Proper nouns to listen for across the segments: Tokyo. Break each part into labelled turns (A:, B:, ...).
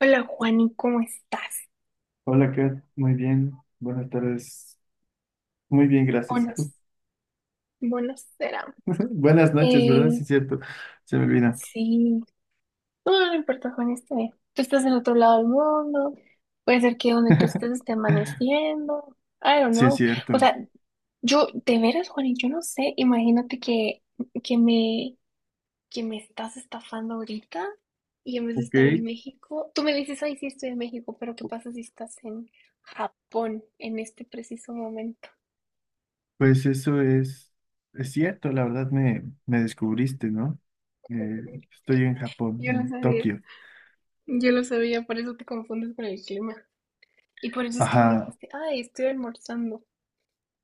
A: Hola Juani, ¿cómo estás?
B: Hola, Kat. Muy bien. Buenas tardes. Muy bien, gracias. ¿Y
A: Buenos,
B: tú?
A: buenos serán.
B: Buenas noches, ¿verdad? Sí,
A: Eh,
B: es cierto. Se me olvida.
A: sí, no, no importa Juani, está bien. Tú estás en otro lado del mundo, puede ser que donde tú estés esté amaneciendo, I don't
B: Sí, es
A: know. O
B: cierto.
A: sea, yo, de veras Juani, yo no sé, imagínate que, que me, que me estás estafando ahorita y en vez de
B: Ok,
A: estar en México, tú me dices, ay, sí estoy en México, pero ¿qué pasa si estás en Japón en este preciso momento?
B: pues eso es cierto. La verdad me descubriste, ¿no? Eh, estoy en Japón,
A: Yo no
B: en
A: sabía.
B: Tokio.
A: Yo lo sabía, por eso te confundes con el clima. Y por eso es que me
B: Ajá.
A: dijiste, ay, estoy almorzando.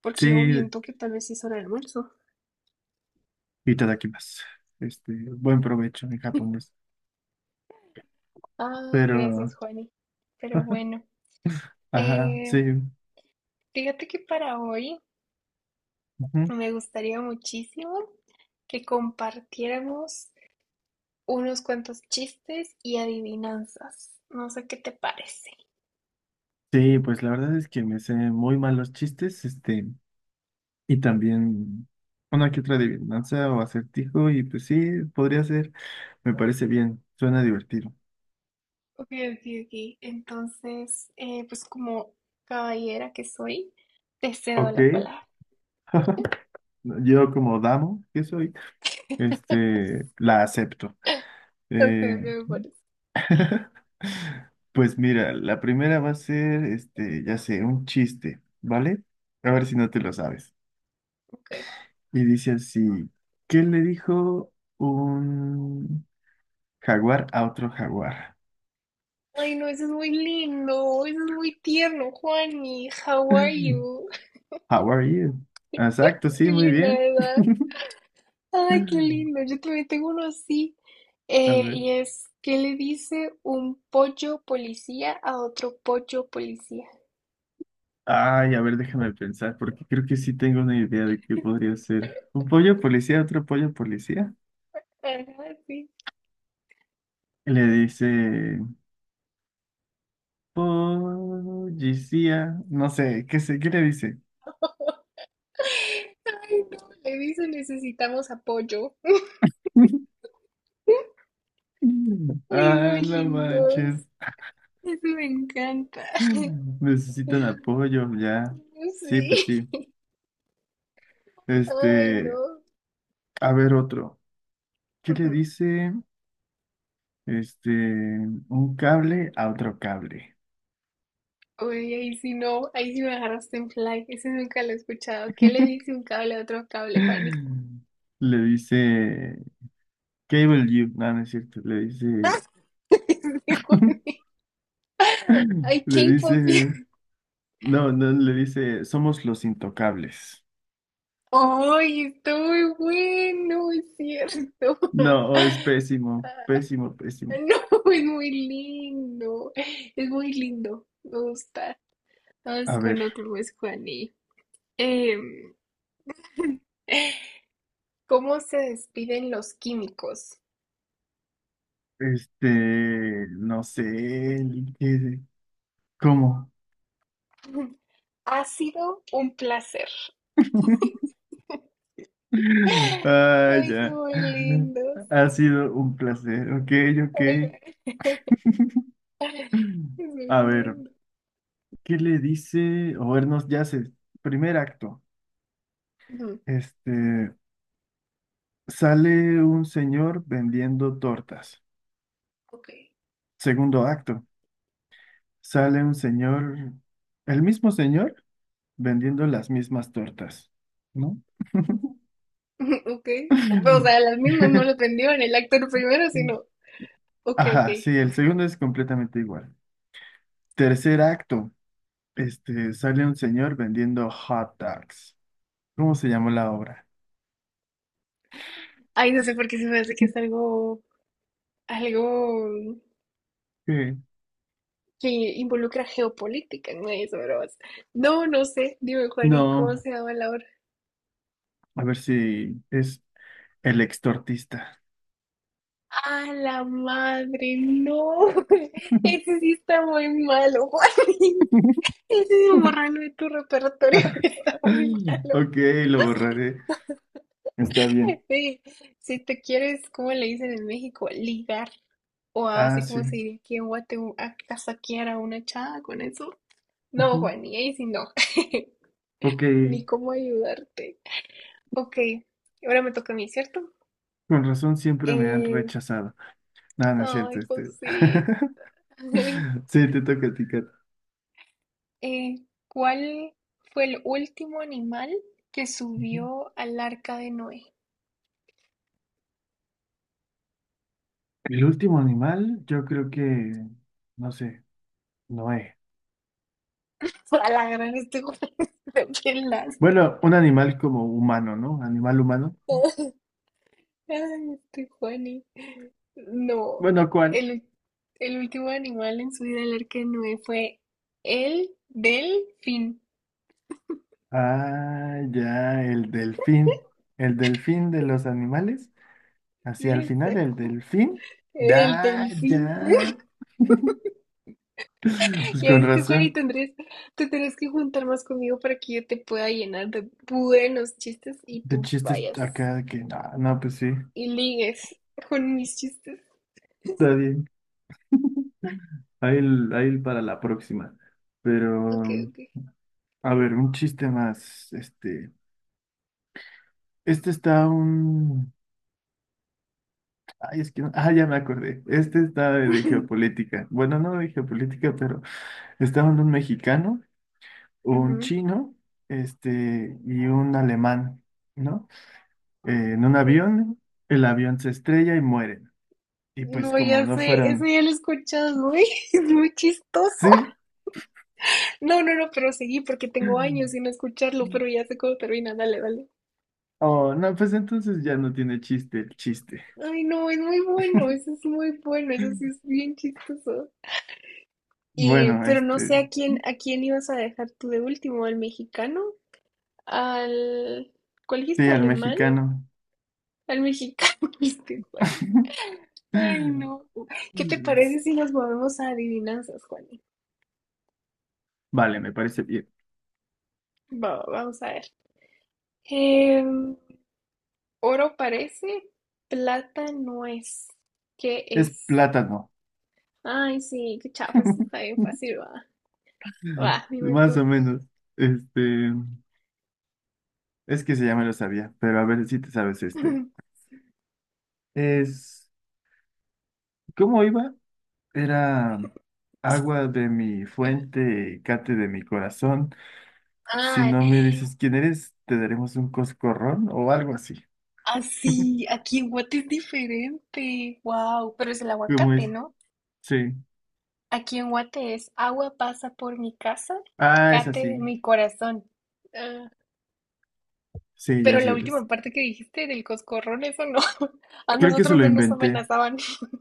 A: Porque yo
B: Sí,
A: viento que tal vez es hora de almuerzo.
B: y más. Este, buen provecho en japonés.
A: Ay,
B: Pero,
A: gracias, Juani. Pero bueno,
B: ajá,
A: eh,
B: sí.
A: fíjate que para hoy
B: Ujú.
A: me gustaría muchísimo que compartiéramos unos cuantos chistes y adivinanzas. No sé qué te parece.
B: Sí, pues la verdad es que me sé muy mal los chistes. Este. Y también una que otra adivinanza o acertijo, y pues sí, podría ser, me parece bien, suena divertido.
A: Ok, ok, ok. Entonces, pues como caballera que soy, te cedo
B: Ok.
A: la palabra.
B: Yo como damo que soy, este, la acepto.
A: Ok,
B: Eh,
A: ok, me parece.
B: pues mira, la primera va a ser, este, ya sé, un chiste, ¿vale? A ver si no te lo sabes.
A: Ok.
B: Y dice así, ¿qué le dijo un jaguar a otro jaguar?
A: Ay, no, eso es muy lindo, eso es muy tierno, Juani. How are you?
B: How are you? Exacto, sí,
A: Qué
B: muy
A: linda,
B: bien.
A: ¿verdad? Ay, qué lindo. Yo también tengo uno así.
B: A ver.
A: Y es, ¿qué le dice un pollo policía a otro pollo policía?
B: Ay, a ver, déjame pensar, porque creo que sí tengo una idea de qué podría ser. Un pollo policía, otro pollo policía.
A: Ajá, sí.
B: Le dice, policía, no sé, ¿qué sé, qué le dice?
A: Ay, no, le dice necesitamos apoyo. Ay, es muy
B: Ah, no
A: lindo.
B: manches.
A: Eso me encanta.
B: Necesitan apoyo, ya. Sí, pues
A: Sí.
B: sí.
A: Ay,
B: Este,
A: no.
B: a ver otro. ¿Qué le
A: Ujú.
B: dice? Este, un cable a otro cable.
A: Uy, ahí sí no, ahí sí me agarraste en fly, ese nunca lo he escuchado. ¿Qué le dice un cable a otro cable, Juani?
B: Le dice Cable You, no, no es cierto, le dice,
A: Juani. I
B: le
A: came
B: dice,
A: for you.
B: no, no, le dice, somos los intocables.
A: Ay, está muy bueno, es cierto.
B: No, oh, es pésimo,
A: Ah,
B: pésimo, pésimo.
A: No, es muy lindo, me gusta.
B: A
A: Vamos
B: ver,
A: con otro, pues, Juani. Em, ¿Cómo se despiden los químicos?
B: este, no sé, ¿qué- ¿cómo?
A: Ha sido un placer.
B: Ah,
A: Ay, son
B: ya.
A: muy lindos.
B: Ha sido un placer, ok,
A: Ay,
B: ok.
A: es muy
B: A ver,
A: lindo.
B: ¿qué le dice? O vernos ya sé, primer acto.
A: Ujú,
B: Este, sale un señor vendiendo tortas.
A: Ok,
B: Segundo acto, sale un señor, el mismo señor vendiendo las mismas tortas, ¿no?
A: ok. O sea, las mismas no lo prendió en el actor primero, sino, ok,
B: Ajá,
A: ok.
B: sí, el segundo es completamente igual. Tercer acto, este, sale un señor vendiendo hot dogs. ¿Cómo se llamó la obra?
A: Ay, no sé por qué se me hace que es algo, algo
B: Sí.
A: que involucra geopolítica, no es bromas. No, no sé. Dime, Juan, ¿y cómo
B: No,
A: se llama la obra?
B: a ver si es el extortista.
A: ¡Ah, la madre! ¡No! Ese sí está muy malo, Juan. Decidido borrarlo de tu repertorio está muy malo.
B: Ok, lo borraré. Está bien.
A: Sí, si te quieres, ¿cómo le dicen en México? Ligar. O
B: Ah,
A: así como
B: sí.
A: se diría que en guate a casaquear a una chava con eso. No,
B: Ujú.
A: Juan, y ahí sí no.
B: Ok,
A: Ni cómo ayudarte. Ok, ahora me toca a mí, ¿cierto?
B: con razón siempre me han
A: Eh,
B: rechazado. No, no es
A: ay,
B: cierto, este.
A: pues sí.
B: Sí, te toca a ti, Kat.
A: ¿Cuál fue el último animal que
B: Ujú.
A: subió al arca de Noé?
B: El último animal, yo creo que, no sé, Noé.
A: A la gran de pelas.
B: Bueno, un animal como humano, ¿no? Animal humano.
A: Ay, este Juani. No,
B: Bueno, ¿cuál?
A: el, ul- el último animal en subir al arca de Noé fue el delfín.
B: Ah, ya, el delfín. El delfín de los animales. Así al
A: Sí,
B: final, el
A: exacto.
B: delfín.
A: El
B: Ya,
A: delfín.
B: ya. Pues
A: Ya
B: con
A: viste, Juanito
B: razón.
A: Andrés, te tenés que juntar más conmigo para que yo te pueda llenar de buenos chistes y
B: De
A: tú
B: chistes
A: vayas
B: acá de que, no, no, pues sí,
A: y ligues con mis chistes.
B: está bien. Ahí, ahí el para la próxima.
A: Ok,
B: Pero,
A: ok.
B: a ver, un chiste más. Este está un. Ay, es que no- ah, ya me acordé. Este está de geopolítica. Bueno, no de geopolítica, pero estaban un mexicano, un
A: Ujú,
B: chino, este, y un alemán, ¿no? En un
A: ok.
B: avión, el avión se estrella y mueren. Y pues,
A: No, ya
B: como no
A: sé, eso
B: fueron.
A: ya lo he escuchado, es muy, es muy chistoso.
B: Sí.
A: No, no, no, pero seguí porque tengo años sin escucharlo, pero ya sé cómo termina, dale, dale.
B: Oh, no, pues entonces ya no tiene chiste el chiste.
A: Ay, no, es muy bueno, eso es muy bueno, eso sí es bien chistoso. Y,
B: Bueno,
A: pero no sé
B: este,
A: a quién ibas a dejar tú de último, al mexicano, al, ¿cuál
B: sí,
A: dijiste?
B: al
A: ¿Alemán?
B: mexicano.
A: Al mexicano, dijiste, Juan. Ay, no. ¿Qué te parece si nos movemos a adivinanzas, Juan?
B: Vale, me parece bien.
A: Va, va, vamos a ver. Em, oro parece, plata no es. ¿Qué
B: Es
A: es?
B: plátano.
A: Ay, sí, qué chafa, eso está bien fácil, va. Va, dime
B: Más
A: tú.
B: o menos. Este, es que se ya me lo sabía, pero a ver si te sabes este. Es, ¿cómo iba? Era agua de mi fuente, cate de mi corazón. Si
A: Ah,
B: no me dices quién eres, te daremos un coscorrón o algo así.
A: así, aquí en Guate es diferente. Wow, pero es el
B: ¿Cómo
A: aguacate,
B: es?
A: ¿no?
B: Sí.
A: Aquí en Guate es agua pasa por mi casa,
B: Ah, es
A: cate de
B: así.
A: mi corazón. Ah,
B: Sí, ya
A: Pero la
B: sé.
A: última
B: Es-
A: parte que dijiste del coscorrón, eso no. A
B: creo que se
A: nosotros
B: lo
A: no nos
B: inventé.
A: amenazaban.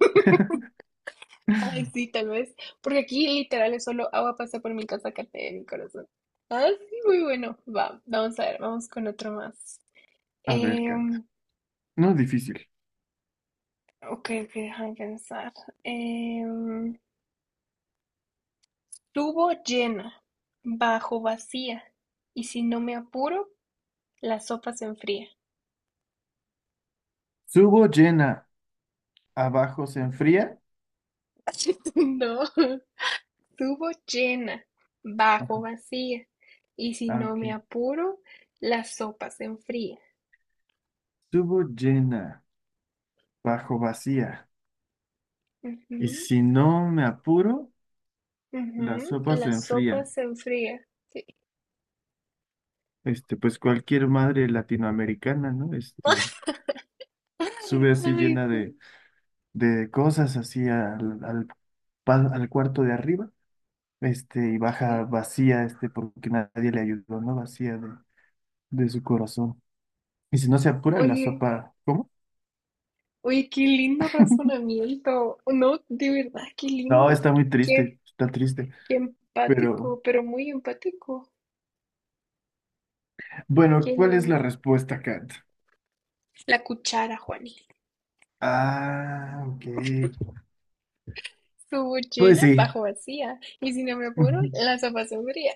A: Ay, sí, tal vez. Porque aquí literal es solo agua pasa por mi casa, cate de mi corazón. Ah, sí, muy bueno. Va, vamos a ver, vamos con otro más.
B: A ver, Cata.
A: Em,
B: No es difícil.
A: ok, ok, déjame pensar. Em, tubo llena, bajo vacía, y si no me apuro, la sopa se enfría.
B: Subo llena, abajo se enfría.
A: No, tubo llena, bajo vacía, y si
B: Ah,
A: no me
B: ok.
A: apuro, la sopa se enfría.
B: Subo llena, bajo vacía. Y
A: Ujú,
B: si no me apuro, la
A: ujú,
B: sopa se
A: La sopa
B: enfría.
A: se enfría. Sí.
B: Este, pues cualquier madre latinoamericana, ¿no? Este, sube así
A: Ay,
B: llena
A: ju-
B: de cosas, así al cuarto de arriba. Este, y
A: ok.
B: baja vacía, este, porque nadie le ayudó, ¿no? Vacía de su corazón. Y si no se apura la
A: Oye,
B: sopa, ¿cómo?
A: oye, qué lindo razonamiento. No, de verdad, qué
B: No,
A: lindo.
B: está muy triste,
A: Qué
B: está triste.
A: Qué
B: Pero,
A: empático, pero muy empático.
B: bueno,
A: Qué
B: ¿cuál es la
A: lindo.
B: respuesta, Kat?
A: La cuchara, Juani.
B: Ah, ok.
A: Subo
B: Pues
A: llena,
B: sí.
A: bajo vacía. Y si no me apuro, la sopa se enfría.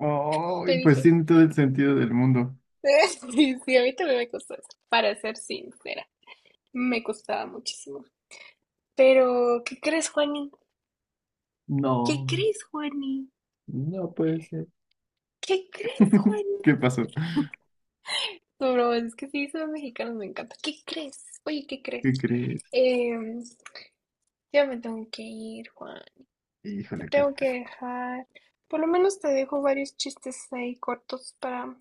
B: Oh,
A: Te
B: pues
A: dije.
B: tiene todo el sentido del mundo.
A: Sí, sí, a mí también me costó eso. Para ser sincera, me costaba muchísimo. Pero, ¿qué crees, Juani? ¿Qué
B: No,
A: crees, Juani?
B: no puede ser.
A: ¿Qué crees, Juani?
B: ¿Qué pasó?
A: No, bro, es que sí, son mexicanos, me encanta. ¿Qué crees? Oye, ¿qué crees?
B: ¿Qué crees?
A: Em, ya me tengo que ir, Juan. Te
B: Híjole, Kat.
A: tengo que dejar. Por lo menos te dejo varios chistes ahí cortos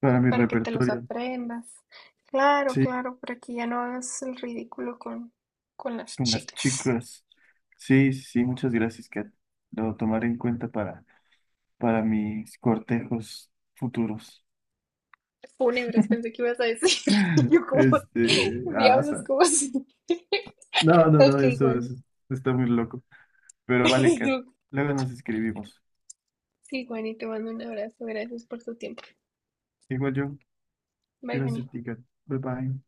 B: Para mi
A: para que te los
B: repertorio.
A: aprendas. Claro,
B: Sí,
A: claro, para que ya no hagas el ridículo con las
B: con las
A: chicas.
B: chicas. Sí, sí, sí, muchas gracias, Kat. Lo tomaré en cuenta para mis cortejos futuros.
A: Fúnebres, pensé que ibas a decir. Yo como,
B: Este, ah, o
A: diablos,
B: sea,
A: como así.
B: no, no,
A: Ok,
B: no, eso,
A: Juan.
B: es está muy loco. Pero vale, Kat, luego nos escribimos.
A: Sí, Juan, y te mando un abrazo. Gracias por tu tiempo.
B: Igual yo,
A: Bye,
B: gracias
A: Juan.
B: a ti, Kat. Bye bye.